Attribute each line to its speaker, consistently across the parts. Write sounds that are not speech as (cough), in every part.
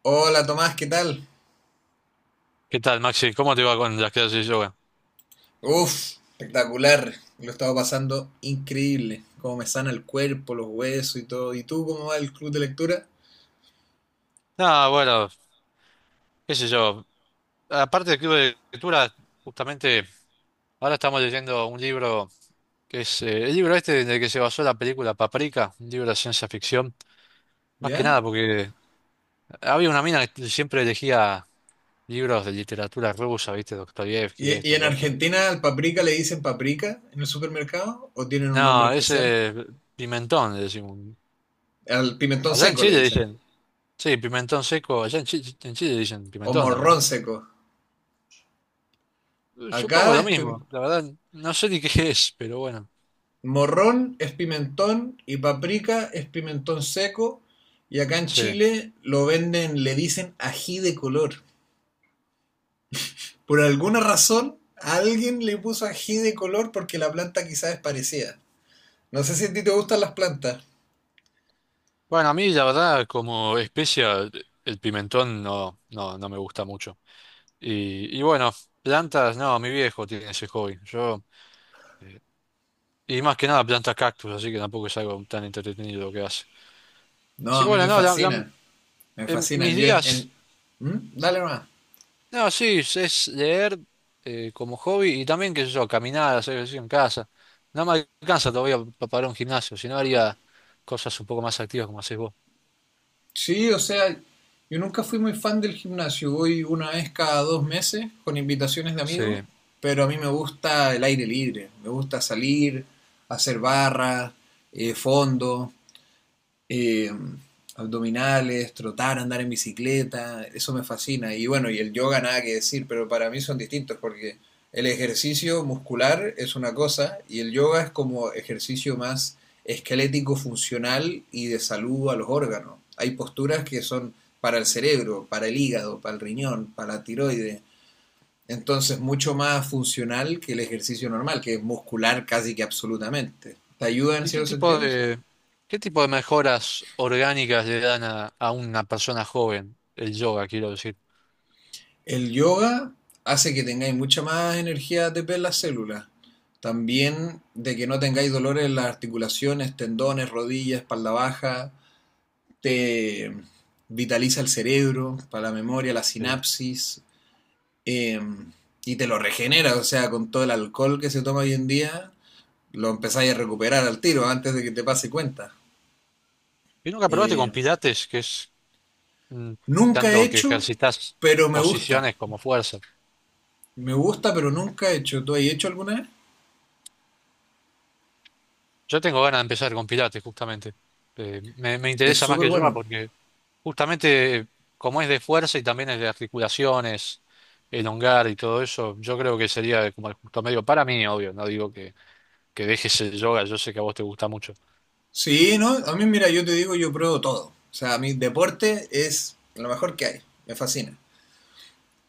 Speaker 1: Hola Tomás, ¿qué tal?
Speaker 2: ¿Qué tal, Maxi? ¿Cómo te va con las clases de yoga?
Speaker 1: Uf, espectacular. Lo he estado pasando increíble. Cómo me sana el cuerpo, los huesos y todo. ¿Y tú cómo va el club de lectura?
Speaker 2: Nada, bueno, qué sé yo. Aparte del club de lectura, justamente ahora estamos leyendo un libro que es el libro este en el que se basó la película Paprika, un libro de ciencia ficción. Más que
Speaker 1: ¿Ya?
Speaker 2: nada porque había una mina que siempre elegía libros de literatura rusa, ¿viste? Dostoyevski,
Speaker 1: ¿Y
Speaker 2: esto,
Speaker 1: en
Speaker 2: lo otro.
Speaker 1: Argentina al paprika le dicen paprika en el supermercado? ¿O tienen un nombre
Speaker 2: No,
Speaker 1: especial?
Speaker 2: ese pimentón, le decimos.
Speaker 1: Al pimentón
Speaker 2: Allá en
Speaker 1: seco le
Speaker 2: Chile
Speaker 1: dicen.
Speaker 2: dicen, sí, pimentón seco, allá en Chile dicen
Speaker 1: O
Speaker 2: pimentón también,
Speaker 1: morrón
Speaker 2: ¿no?
Speaker 1: seco. Acá
Speaker 2: Supongo lo
Speaker 1: es
Speaker 2: mismo, la verdad, no sé ni qué (laughs) es, pero bueno,
Speaker 1: morrón es pimentón y paprika es pimentón seco. Y acá en
Speaker 2: sí.
Speaker 1: Chile lo venden, le dicen ají de color. Por alguna razón, alguien le puso ají de color porque la planta quizás es parecida. No sé si a ti te gustan las plantas.
Speaker 2: Bueno, a mí la verdad como especia el pimentón no, no, no me gusta mucho. Y bueno, plantas, no, mi viejo tiene ese hobby. Yo, eh, y más que nada plantas cactus, así que tampoco es algo tan entretenido lo que hace.
Speaker 1: No,
Speaker 2: Así
Speaker 1: a
Speaker 2: que
Speaker 1: mí
Speaker 2: bueno,
Speaker 1: me
Speaker 2: no,
Speaker 1: fascinan. Me
Speaker 2: en
Speaker 1: fascinan.
Speaker 2: mis días,
Speaker 1: ¿Mm? Dale más.
Speaker 2: no, sí, es leer como hobby y también, qué sé yo, caminar, hacer ejercicio en casa. No me alcanza todavía para un gimnasio, si no haría cosas un poco más activas como haces vos.
Speaker 1: Sí, o sea, yo nunca fui muy fan del gimnasio. Voy una vez cada 2 meses con invitaciones de amigos.
Speaker 2: Sí.
Speaker 1: Pero a mí me gusta el aire libre. Me gusta salir, hacer barras, fondo. eh, Abdominales, trotar, andar en bicicleta, eso me fascina. Y bueno, y el yoga nada que decir, pero para mí son distintos porque el ejercicio muscular es una cosa y el yoga es como ejercicio más esquelético, funcional y de salud a los órganos. Hay posturas que son para el cerebro, para el hígado, para el riñón, para la tiroides. Entonces, mucho más funcional que el ejercicio normal, que es muscular casi que absolutamente. ¿Te ayuda en
Speaker 2: ¿Y qué
Speaker 1: cierto
Speaker 2: tipo
Speaker 1: sentido? Sí.
Speaker 2: de, qué tipo de mejoras orgánicas le dan a una persona joven el yoga, quiero decir?
Speaker 1: El yoga hace que tengáis mucha más energía ATP en las células. También de que no tengáis dolores en las articulaciones, tendones, rodillas, espalda baja. Te vitaliza el cerebro, para la memoria, la
Speaker 2: Sí.
Speaker 1: sinapsis. eh, y te lo regenera, o sea, con todo el alcohol que se toma hoy en día, lo empezáis a recuperar al tiro antes de que te pase cuenta.
Speaker 2: ¿Y nunca probaste con
Speaker 1: Eh,
Speaker 2: pilates, que es mm,
Speaker 1: Nunca he
Speaker 2: tanto que
Speaker 1: hecho,
Speaker 2: ejercitas
Speaker 1: pero me gusta.
Speaker 2: posiciones como fuerza?
Speaker 1: Me gusta, pero nunca he hecho. ¿Tú has hecho alguna vez?
Speaker 2: Yo tengo ganas de empezar con pilates, justamente. Me
Speaker 1: Es
Speaker 2: interesa más
Speaker 1: súper
Speaker 2: que el yoga
Speaker 1: bueno.
Speaker 2: porque justamente como es de fuerza y también es de articulaciones, elongar y todo eso, yo creo que sería como el justo medio para mí, obvio, no digo que dejes el yoga, yo sé que a vos te gusta mucho.
Speaker 1: Sí, ¿no? A mí, mira, yo te digo, yo pruebo todo. O sea, mi deporte es lo mejor que hay. Me fascina.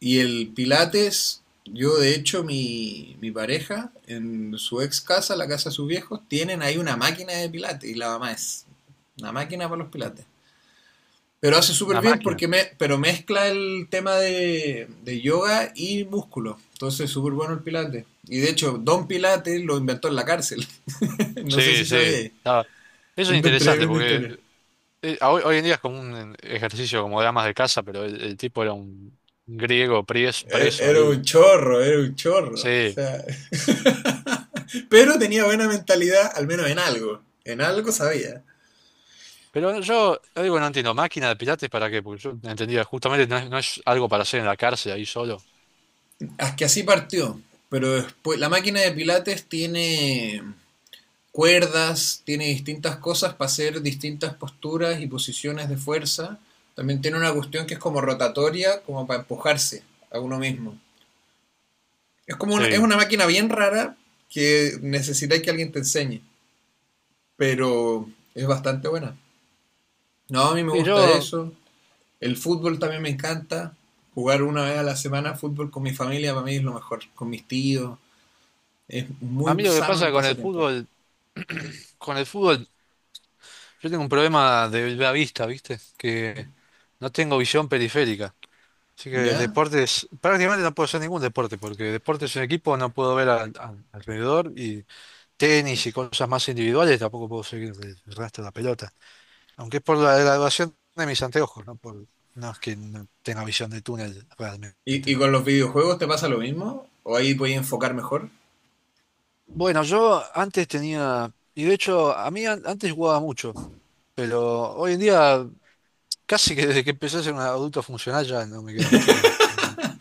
Speaker 1: Y el Pilates, yo de hecho, mi pareja, en su ex casa, la casa de sus viejos, tienen ahí una máquina de Pilates. Y la mamá es una máquina para los Pilates. Pero hace súper
Speaker 2: Una
Speaker 1: bien
Speaker 2: máquina.
Speaker 1: porque pero mezcla el tema de yoga y músculo. Entonces, súper bueno el Pilates. Y de hecho, Don Pilates lo inventó en la cárcel. (laughs) No sé
Speaker 2: Sí,
Speaker 1: si sabía.
Speaker 2: sí. Ah, eso es
Speaker 1: Una
Speaker 2: interesante
Speaker 1: tremenda
Speaker 2: porque
Speaker 1: historia.
Speaker 2: hoy en día es como un ejercicio como de amas de casa, pero el tipo era un griego pries-
Speaker 1: Era,
Speaker 2: preso,
Speaker 1: era
Speaker 2: ahí.
Speaker 1: un chorro, era un chorro. O
Speaker 2: Sí.
Speaker 1: sea, (laughs) pero tenía buena mentalidad, al menos en algo. En algo sabía.
Speaker 2: Pero yo digo, no entiendo, máquina de pilates para qué, porque yo entendía, justamente no es algo para hacer en la cárcel ahí solo.
Speaker 1: Es que así partió. Pero después, la máquina de Pilates tiene cuerdas, tiene distintas cosas para hacer distintas posturas y posiciones de fuerza. También tiene una cuestión que es como rotatoria, como para empujarse a uno mismo. Es como es
Speaker 2: Sí.
Speaker 1: una máquina bien rara que necesita que alguien te enseñe, pero es bastante buena. No, a mí me
Speaker 2: Sí,
Speaker 1: gusta eso. El fútbol también me encanta. Jugar una vez a la semana fútbol con mi familia para mí es lo mejor. Con mis tíos. Es
Speaker 2: a mí
Speaker 1: muy
Speaker 2: lo que
Speaker 1: sano el
Speaker 2: pasa con el
Speaker 1: pasatiempo.
Speaker 2: fútbol, con el fútbol, yo tengo un problema de la vista, ¿viste? Que no tengo visión periférica. Así que
Speaker 1: ¿Ya?
Speaker 2: deportes, prácticamente no puedo hacer ningún deporte, porque deportes en equipo no puedo ver alrededor y tenis y cosas más individuales tampoco puedo seguir el rastro de la pelota. Aunque es por la graduación de mis anteojos, ¿no? Por, no es que no tenga visión de túnel
Speaker 1: ¿Y
Speaker 2: realmente.
Speaker 1: con los videojuegos te pasa lo mismo? ¿O ahí puedes enfocar mejor?
Speaker 2: Bueno, yo antes tenía, y de hecho a mí antes jugaba mucho, pero hoy en día casi que desde que empecé a ser un adulto funcional ya no me queda mucho tiempo.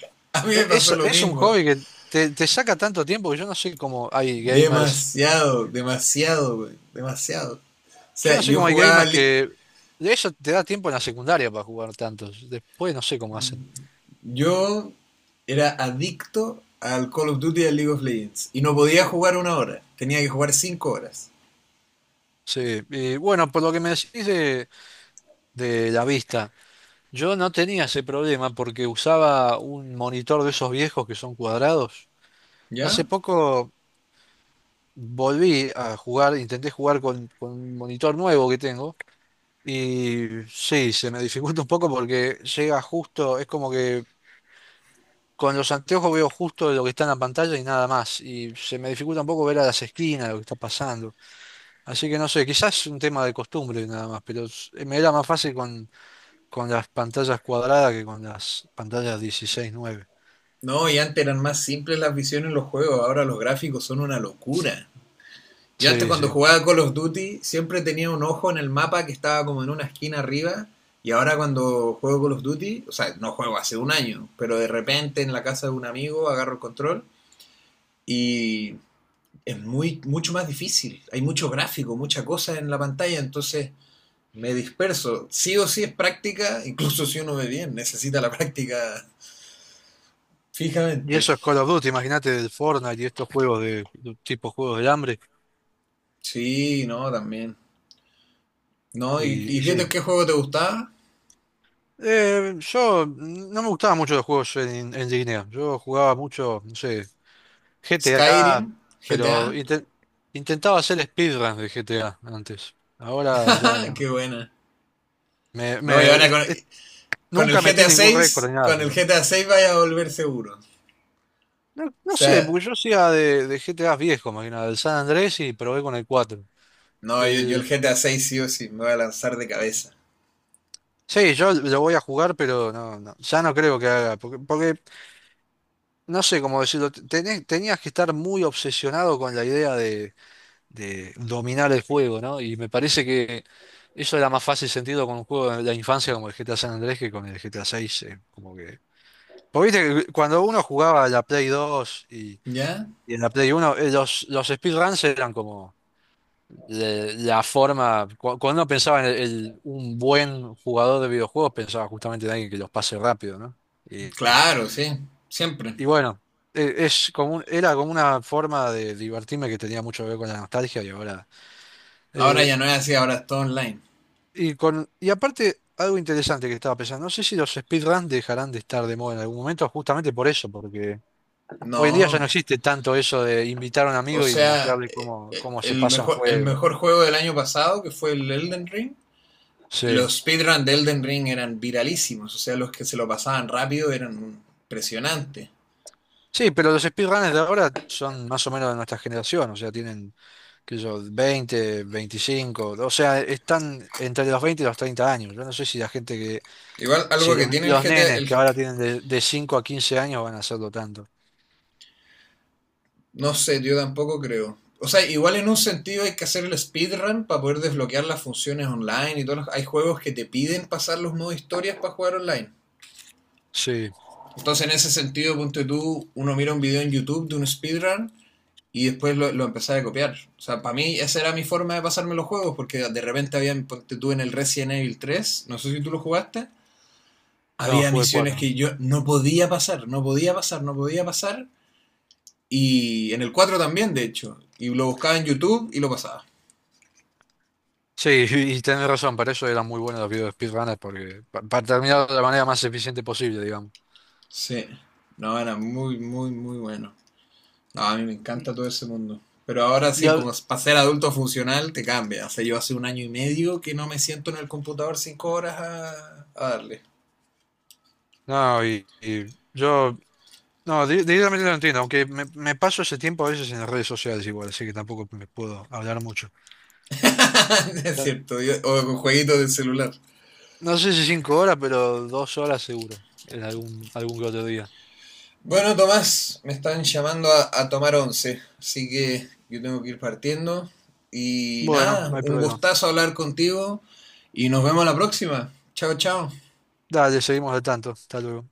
Speaker 1: (laughs) A mí me
Speaker 2: E- Es,
Speaker 1: pasó lo
Speaker 2: es un
Speaker 1: mismo.
Speaker 2: hobby que te saca tanto tiempo que yo no sé cómo hay gamers.
Speaker 1: Demasiado, demasiado, güey. Demasiado. O
Speaker 2: Yo
Speaker 1: sea,
Speaker 2: no sé
Speaker 1: yo
Speaker 2: cómo hay
Speaker 1: jugaba.
Speaker 2: gamers que. De eso te da tiempo en la secundaria para jugar tantos. Después no sé cómo hacen.
Speaker 1: Yo era adicto al Call of Duty y al League of Legends. Y no podía jugar una hora. Tenía que jugar 5 horas.
Speaker 2: Sí, y bueno, por lo que me decís de la vista, yo no tenía ese problema porque usaba un monitor de esos viejos que son cuadrados. Hace
Speaker 1: ¿Ya?
Speaker 2: poco volví a jugar, intenté jugar con un monitor nuevo que tengo. Y sí, se me dificulta un poco porque llega justo, es como que con los anteojos veo justo lo que está en la pantalla y nada más. Y se me dificulta un poco ver a las esquinas lo que está pasando. Así que no sé, quizás es un tema de costumbre nada más, pero me era más fácil con las pantallas cuadradas que con las pantallas 16:9.
Speaker 1: No, y antes eran más simples las visiones en los juegos, ahora los gráficos son una locura. Yo antes
Speaker 2: Sí,
Speaker 1: cuando
Speaker 2: sí.
Speaker 1: jugaba Call of Duty siempre tenía un ojo en el mapa que estaba como en una esquina arriba y ahora cuando juego Call of Duty, o sea, no juego hace un año, pero de repente en la casa de un amigo agarro el control y es mucho más difícil. Hay mucho gráfico, mucha cosa en la pantalla, entonces me disperso. Sí o sí es práctica, incluso si uno ve bien, necesita la práctica
Speaker 2: Y
Speaker 1: fijamente.
Speaker 2: eso es Call of Duty, imagínate del Fortnite y estos juegos de tipo juegos del hambre.
Speaker 1: Sí, no, también. No, ¿y,
Speaker 2: Y
Speaker 1: y qué,
Speaker 2: sí.
Speaker 1: qué juego te gustaba?
Speaker 2: Yo no me gustaban mucho los juegos en línea. Yo jugaba mucho, no sé. GTA,
Speaker 1: Skyrim,
Speaker 2: pero
Speaker 1: GTA.
Speaker 2: intentaba hacer speedruns de GTA antes. Ahora ya
Speaker 1: (laughs) Qué
Speaker 2: no.
Speaker 1: buena.
Speaker 2: Me,
Speaker 1: No, y
Speaker 2: me-
Speaker 1: ahora
Speaker 2: es-
Speaker 1: con,
Speaker 2: es-
Speaker 1: con el
Speaker 2: nunca metí
Speaker 1: GTA
Speaker 2: ningún récord
Speaker 1: 6,
Speaker 2: ni nada,
Speaker 1: con el
Speaker 2: pero.
Speaker 1: GTA 6 vaya a volver seguro. O
Speaker 2: No, no sé,
Speaker 1: sea,
Speaker 2: porque yo hacía de GTA viejo, más que nada, del San Andrés y probé con el 4.
Speaker 1: no, yo el
Speaker 2: El,
Speaker 1: GTA 6 sí o sí, me voy a lanzar de cabeza.
Speaker 2: sí, yo lo voy a jugar, pero no, no, ya no creo que haga. Porque, no sé cómo decirlo, tenías que estar muy obsesionado con la idea de dominar el juego, ¿no? Y me parece que eso era más fácil sentido con un juego de la infancia como el GTA San Andrés que con el GTA 6, como que. Porque viste que cuando uno jugaba a la Play 2 y,
Speaker 1: ¿Ya?
Speaker 2: y en la Play 1, los speedruns eran como cuando uno pensaba en un buen jugador de videojuegos, pensaba justamente en alguien que los pase rápido, ¿no? Y, y-
Speaker 1: Claro, sí, siempre.
Speaker 2: y bueno, era como una forma de divertirme que tenía mucho que ver con la nostalgia y ahora.
Speaker 1: Ahora
Speaker 2: Eh,
Speaker 1: ya no es así, ahora es todo online.
Speaker 2: y aparte, algo interesante que estaba pensando, no sé si los speedruns dejarán de estar de moda en algún momento, justamente por eso, porque hoy en día ya no
Speaker 1: No,
Speaker 2: existe tanto eso de invitar a un
Speaker 1: o
Speaker 2: amigo y
Speaker 1: sea,
Speaker 2: mostrarle cómo, cómo se pasa un
Speaker 1: el
Speaker 2: juego.
Speaker 1: mejor juego del año pasado, que fue el Elden Ring,
Speaker 2: Sí.
Speaker 1: los speedruns de Elden Ring eran viralísimos, o sea, los que se lo pasaban rápido eran impresionantes.
Speaker 2: Sí, pero los speedrunners de ahora son más o menos de nuestra generación, o sea, tienen, qué sé yo, 20, 25, o sea, están entre los 20 y los 30 años. Yo no sé si la gente que,
Speaker 1: Igual
Speaker 2: si
Speaker 1: algo que
Speaker 2: los,
Speaker 1: tiene el
Speaker 2: los
Speaker 1: GTA,
Speaker 2: nenes que ahora tienen de 5 a 15 años van a hacerlo tanto.
Speaker 1: no sé, yo tampoco creo. O sea, igual en un sentido hay que hacer el speedrun para poder desbloquear las funciones online y hay juegos que te piden pasar los modos historias para jugar online.
Speaker 2: Sí,
Speaker 1: Entonces, en ese sentido, ponte tú, uno mira un video en YouTube de un speedrun y después lo empezaba a copiar. O sea, para mí esa era mi forma de pasarme los juegos, porque de repente había, ponte tú en el Resident Evil 3, no sé si tú lo jugaste,
Speaker 2: no,
Speaker 1: había
Speaker 2: jugué
Speaker 1: misiones
Speaker 2: cuatro.
Speaker 1: que yo no podía pasar, no podía pasar, no podía pasar. Y en el 4 también, de hecho. Y lo buscaba en YouTube y lo pasaba.
Speaker 2: Sí, y tenés razón, para eso eran muy buenos los videos de speedrunners, porque para terminar de la manera más eficiente posible, digamos.
Speaker 1: Sí. No, era muy, muy, muy bueno. No, a mí me
Speaker 2: Y,
Speaker 1: encanta todo ese mundo. Pero ahora
Speaker 2: y
Speaker 1: sí, como
Speaker 2: al-
Speaker 1: para ser adulto funcional, te cambia. O sea, yo hace un año y medio que no me siento en el computador 5 horas a darle.
Speaker 2: no, y yo, no, directamente no entiendo, aunque me paso ese tiempo a veces en las redes sociales igual, así que tampoco me puedo hablar mucho.
Speaker 1: (laughs) Es
Speaker 2: No
Speaker 1: cierto, o con jueguitos del celular.
Speaker 2: no sé si 5 horas, pero 2 horas seguro, en algún que otro día.
Speaker 1: Bueno, Tomás, me están llamando a tomar once, así que yo tengo que ir partiendo. Y
Speaker 2: Bueno, no
Speaker 1: nada,
Speaker 2: hay
Speaker 1: un
Speaker 2: problema.
Speaker 1: gustazo hablar contigo y nos vemos la próxima. Chao, chao.
Speaker 2: Dale, seguimos al tanto. Hasta luego.